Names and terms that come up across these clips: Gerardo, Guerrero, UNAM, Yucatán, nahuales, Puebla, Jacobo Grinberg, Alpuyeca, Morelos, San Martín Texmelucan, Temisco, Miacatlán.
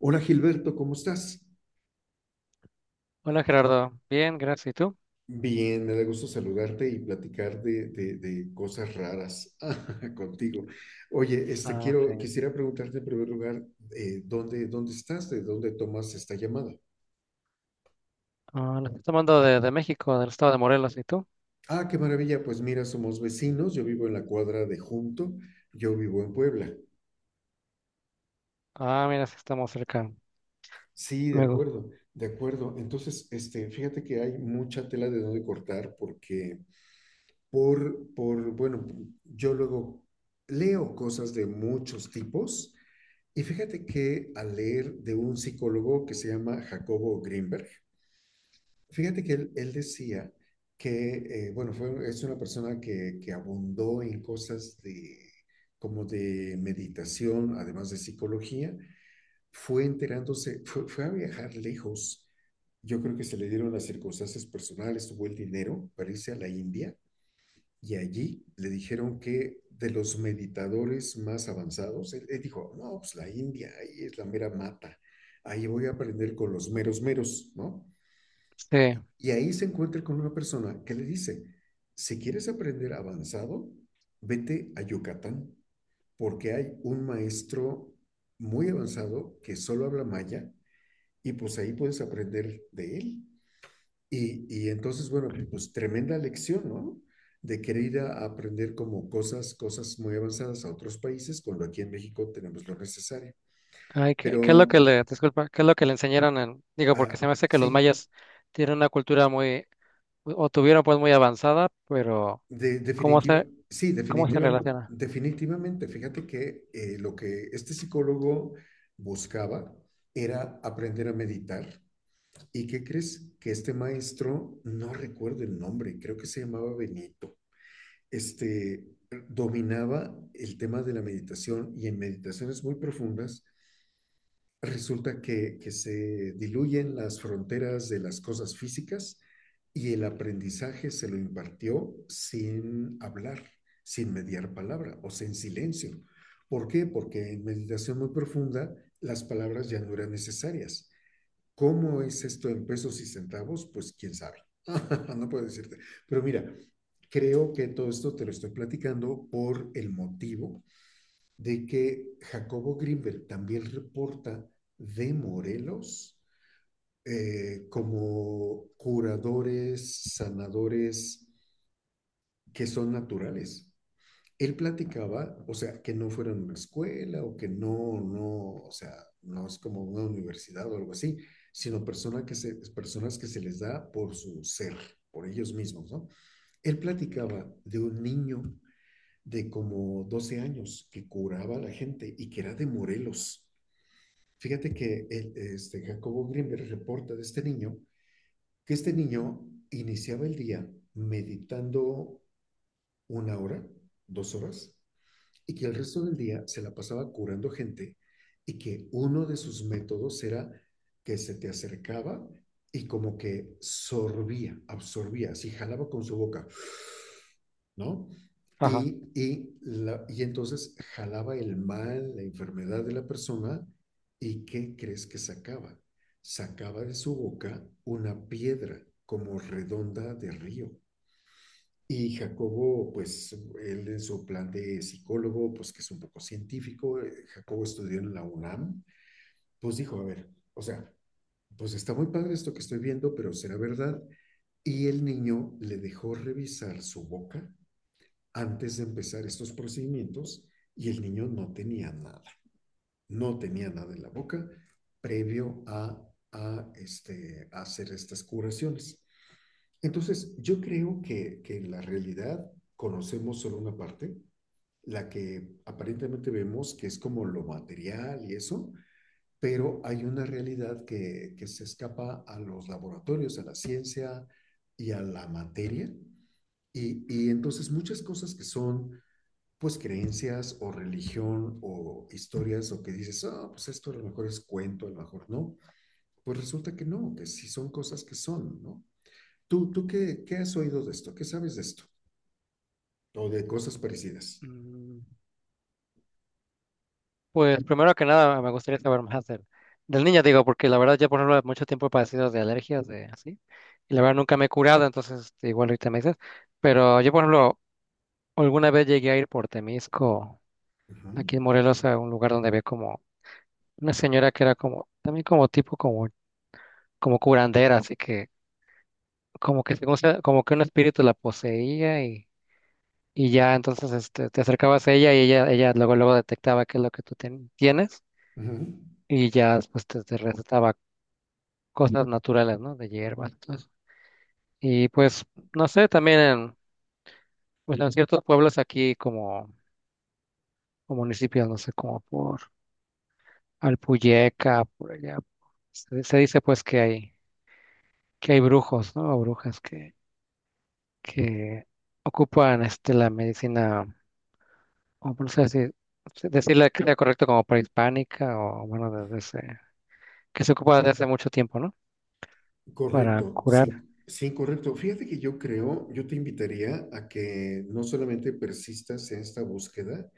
Hola Gilberto, ¿cómo estás? Hola Gerardo, bien, gracias. ¿Y tú? Bien, me da gusto saludarte y platicar de cosas raras contigo. Oye, Ah, quiero, sí. quisiera preguntarte en primer lugar, ¿dónde estás? ¿De dónde tomas esta llamada? Ah, lo estoy tomando de México, del estado de Morelos. ¿Y tú? Ah, qué maravilla. Pues mira, somos vecinos. Yo vivo en la cuadra de Junto. Yo vivo en Puebla. Ah, mira, sí estamos cerca. Sí, de Me gusta. acuerdo, de acuerdo. Entonces, fíjate que hay mucha tela de dónde cortar porque bueno, yo luego leo cosas de muchos tipos y fíjate que al leer de un psicólogo que se llama Jacobo Greenberg, fíjate que él decía que, bueno, es una persona que abundó en cosas de, como de meditación, además de psicología, fue a viajar lejos. Yo creo que se le dieron las circunstancias personales, tuvo el dinero para irse a la India y allí le dijeron que de los meditadores más avanzados, él dijo, no, pues la India, ahí es la mera mata, ahí voy a aprender con los meros meros, ¿no? Sí. Y ahí se encuentra con una persona que le dice, si quieres aprender avanzado, vete a Yucatán, porque hay un maestro muy avanzado que solo habla maya y pues ahí puedes aprender de él. Y entonces, bueno, pues tremenda lección, ¿no? De querer ir a aprender como cosas muy avanzadas a otros países, cuando aquí en México tenemos lo necesario. Ay, ¿qué es lo que Pero le, disculpa, ¿qué es lo que le enseñaron en, digo, porque ah, se me hace que los sí, mayas tienen una cultura muy, o tuvieron pues muy avanzada, pero ¿cómo definitiva, se, sí, cómo se definitiva, relaciona? definitivamente. Fíjate que lo que este psicólogo buscaba era aprender a meditar. ¿Y qué crees? Que este maestro, no recuerdo el nombre, creo que se llamaba Benito este, dominaba el tema de la meditación y en meditaciones muy profundas resulta que se diluyen las fronteras de las cosas físicas y el aprendizaje se lo impartió sin hablar, sin mediar palabra o sin silencio. ¿Por qué? Porque en meditación muy profunda las palabras ya no eran necesarias. ¿Cómo es esto en pesos y centavos? Pues quién sabe. No puedo decirte. Pero mira, creo que todo esto te lo estoy platicando por el motivo de que Jacobo Grinberg también reporta de Morelos como curadores, sanadores que son naturales. Él platicaba, o sea, que no fuera en una escuela o que o sea, no es como una universidad o algo así, sino personas que se les da por su ser, por ellos mismos, ¿no? Él platicaba de un niño de como 12 años que curaba a la gente y que era de Morelos. Fíjate que Jacobo Greenberg reporta de este niño que este niño iniciaba el día meditando 1 hora, 2 horas, y que el resto del día se la pasaba curando gente y que uno de sus métodos era que se te acercaba y como que sorbía, absorbía, así jalaba con su boca, ¿no? Ajá. Y entonces jalaba el mal, la enfermedad de la persona, y ¿qué crees que sacaba? Sacaba de su boca una piedra como redonda de río. Y Jacobo, pues él en su plan de psicólogo, pues que es un poco científico, Jacobo estudió en la UNAM, pues dijo, a ver, o sea, pues está muy padre esto que estoy viendo, pero será verdad. Y el niño le dejó revisar su boca antes de empezar estos procedimientos y el niño no tenía nada, no tenía nada en la boca previo a hacer estas curaciones. Entonces, yo creo que en la realidad conocemos solo una parte, la que aparentemente vemos que es como lo material y eso, pero hay una realidad que se escapa a los laboratorios, a la ciencia y a la materia. Y entonces muchas cosas que son pues creencias o religión o historias o que dices, ah, oh, pues esto a lo mejor es cuento, a lo mejor no, pues resulta que no, que sí son cosas que son, ¿no? Qué has oído de esto? ¿Qué sabes de esto? O de cosas parecidas. Mm. Pues primero que nada me gustaría saber más del niño, digo, porque la verdad ya por ejemplo mucho tiempo he padecido de alergias, de así, y la verdad nunca me he curado, entonces igual ahorita me dices, pero yo por ejemplo alguna vez llegué a ir por Temisco, Ujú, aquí en Morelos, a un lugar donde había como una señora que era como, también como tipo como, como curandera, así que como que un espíritu la poseía y ya entonces te acercabas a ella y ella luego luego detectaba qué es lo que tienes ujú. y ya después te recetaba cosas naturales, ¿no? De hierbas. Entonces. Y pues, no sé, también pues, en ciertos pueblos aquí como, como municipios, no sé, como por Alpuyeca, por allá, se dice pues que hay brujos, ¿no? O brujas que ocupan la medicina, o no sé si decirle que sea correcto como prehispánica o bueno, desde ese, que se ocupa desde hace mucho tiempo, ¿no? Para Correcto, sí, curar. sí, correcto. Fíjate que yo creo, yo te invitaría a que no solamente persistas en esta búsqueda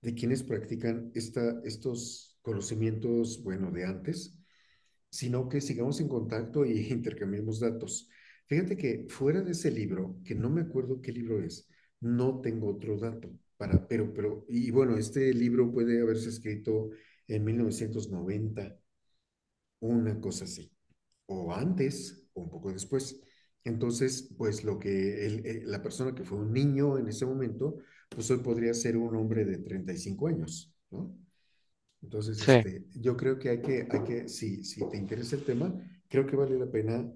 de quienes practican estos conocimientos, bueno, de antes, sino que sigamos en contacto y intercambiemos datos. Fíjate que fuera de ese libro, que no me acuerdo qué libro es, no tengo otro dato para, bueno, este libro puede haberse escrito en 1990, una cosa así, o antes, o un poco después. Entonces, pues lo que la persona que fue un niño en ese momento, pues hoy podría ser un hombre de 35 años, ¿no? Entonces, Sí, yo creo que hay que, hay que si, si te interesa el tema, creo que vale la pena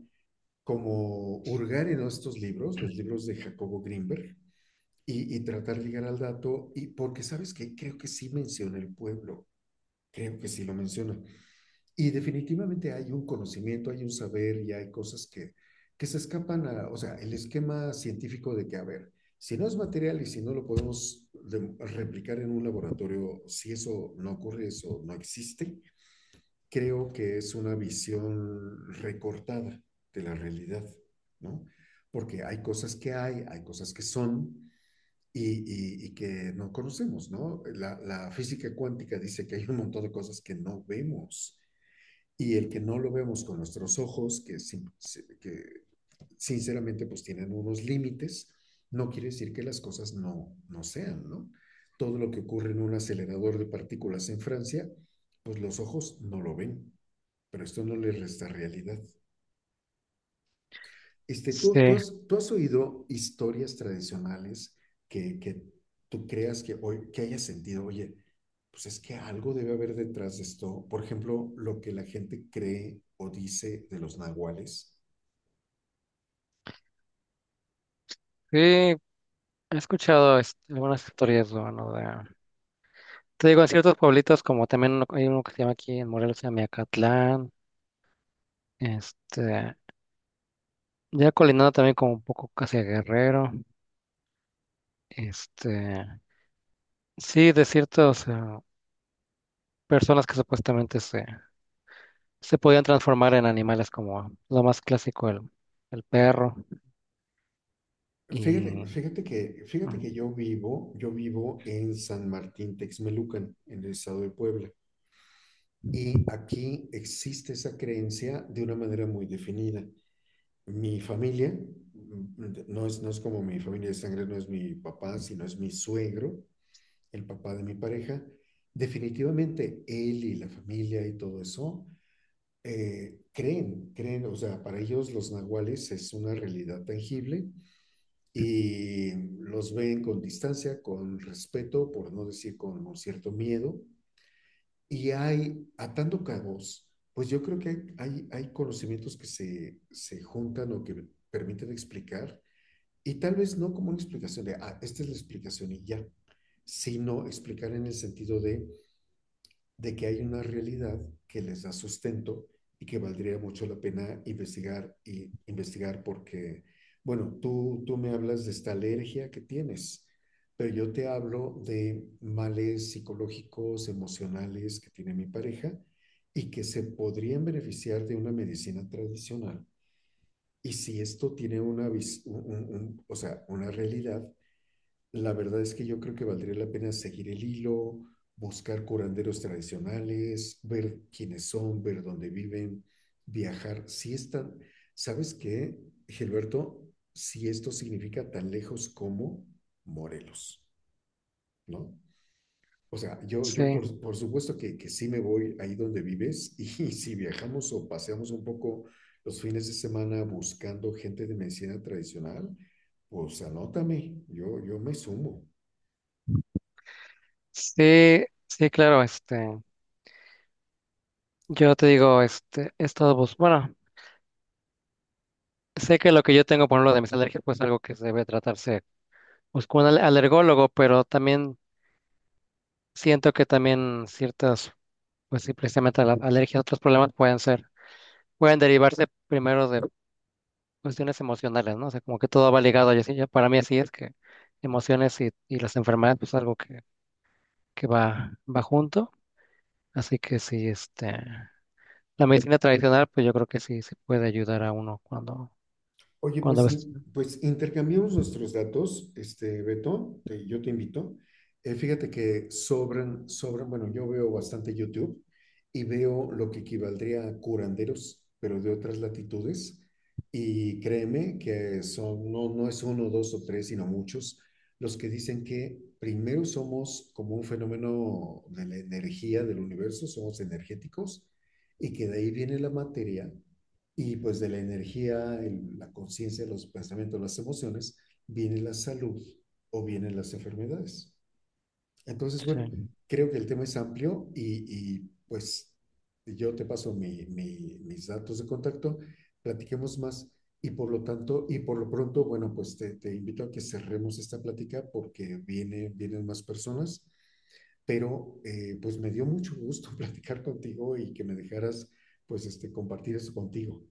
como hurgar en estos libros, los libros de Jacobo Grinberg y tratar de llegar al dato, y porque sabes que creo que sí menciona el pueblo, creo que sí lo menciona. Y definitivamente hay un conocimiento, hay un saber y hay cosas que se escapan a, o sea, el esquema científico de que, a ver, si no es material y si no lo podemos replicar en un laboratorio, si eso no ocurre, eso no existe, creo que es una visión recortada de la realidad, ¿no? Porque hay hay cosas que son y que no conocemos, ¿no? Física cuántica dice que hay un montón de cosas que no vemos y el que no lo vemos con nuestros ojos, que sinceramente, pues tienen unos límites. No quiere decir que las cosas no sean, ¿no? Todo lo que ocurre en un acelerador de partículas en Francia, pues los ojos no lo ven, pero esto no les resta realidad. Este, ¿tú, tú, sí, has, ¿Tú has oído historias tradicionales que tú creas hoy, que hayas sentido, oye, pues es que algo debe haber detrás de esto? Por ejemplo, lo que la gente cree o dice de los nahuales. sí, he escuchado algunas historias, bueno, de... Te digo, en ciertos pueblitos, como también hay uno que se llama aquí en Morelos, se llama Miacatlán, este, ya colinado también como un poco casi a Guerrero, este, sí, de ciertas personas que supuestamente se podían transformar en animales como lo más clásico, el perro, Fíjate, y fíjate mm, que yo vivo en San Martín Texmelucan, en el estado de Puebla, y aquí existe esa creencia de una manera muy definida. Mi familia, no es como mi familia de sangre, no es mi papá, sino es mi suegro, el papá de mi pareja. Definitivamente él y la familia y todo eso creen, o sea, para ellos los nahuales es una realidad tangible y los ven con distancia, con respeto, por no decir con un cierto miedo. Atando cabos, pues yo creo que hay conocimientos se juntan o que permiten explicar, y tal vez no como una explicación de, ah, esta es la explicación y ya, sino explicar en el sentido de que hay una realidad que les da sustento y que valdría mucho la pena investigar y investigar porque, bueno, tú me hablas de esta alergia que tienes, pero yo te hablo de males psicológicos, emocionales que tiene mi pareja y que se podrían beneficiar de una medicina tradicional. Y si esto tiene una, vis- un- o sea, una realidad, la verdad es que yo creo que valdría la pena seguir el hilo, buscar curanderos tradicionales, ver quiénes son, ver dónde viven, viajar. Si están, ¿sabes qué, Gilberto? Si esto significa tan lejos como Morelos, ¿no? O sea, yo sí, por supuesto que sí me voy ahí donde vives y, si viajamos o paseamos un poco los fines de semana buscando gente de medicina tradicional, pues anótame, yo me sumo. sí, sí, claro, yo te digo, he estado, bueno, sé que lo que yo tengo, por lo de mis alergias, pues algo que debe tratarse. Busco un alergólogo, pero también siento que también pues sí, precisamente la alergia, otros problemas pueden ser, pueden derivarse primero de cuestiones emocionales, ¿no? O sea, como que todo va ligado, para mí así es que emociones y las enfermedades, pues algo que va junto, así que sí, la medicina tradicional, pues yo creo que sí, sí puede ayudar a uno cuando, Oye, cuando pues a veces, sí, pues intercambiamos nuestros datos, Beto, yo te invito. Fíjate que sobran, bueno, yo veo bastante YouTube y veo lo que equivaldría a curanderos, pero de otras latitudes. Y créeme que son, no, no es uno, dos o tres, sino muchos, los que dicen que primero somos como un fenómeno de la energía del universo, somos energéticos, y que de ahí viene la materia y pues de la energía, la conciencia, los pensamientos, las emociones, viene la salud o vienen las enfermedades. Entonces, bueno, sí. creo que el tema es amplio pues yo te paso mis datos de contacto, platiquemos más y por lo tanto, y por lo pronto, bueno, pues te invito a que cerremos esta plática porque vienen más personas, pero pues me dio mucho gusto platicar contigo y que me dejaras pues compartir eso contigo.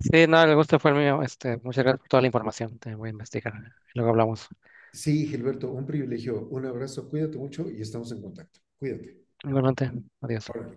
Sí, no, el gusto fue el mío, muchas gracias por toda la información, te voy a investigar, luego hablamos. Sí, Gilberto, un privilegio. Un abrazo, cuídate mucho y estamos en contacto. Cuídate. Igualmente, adiós. Órale.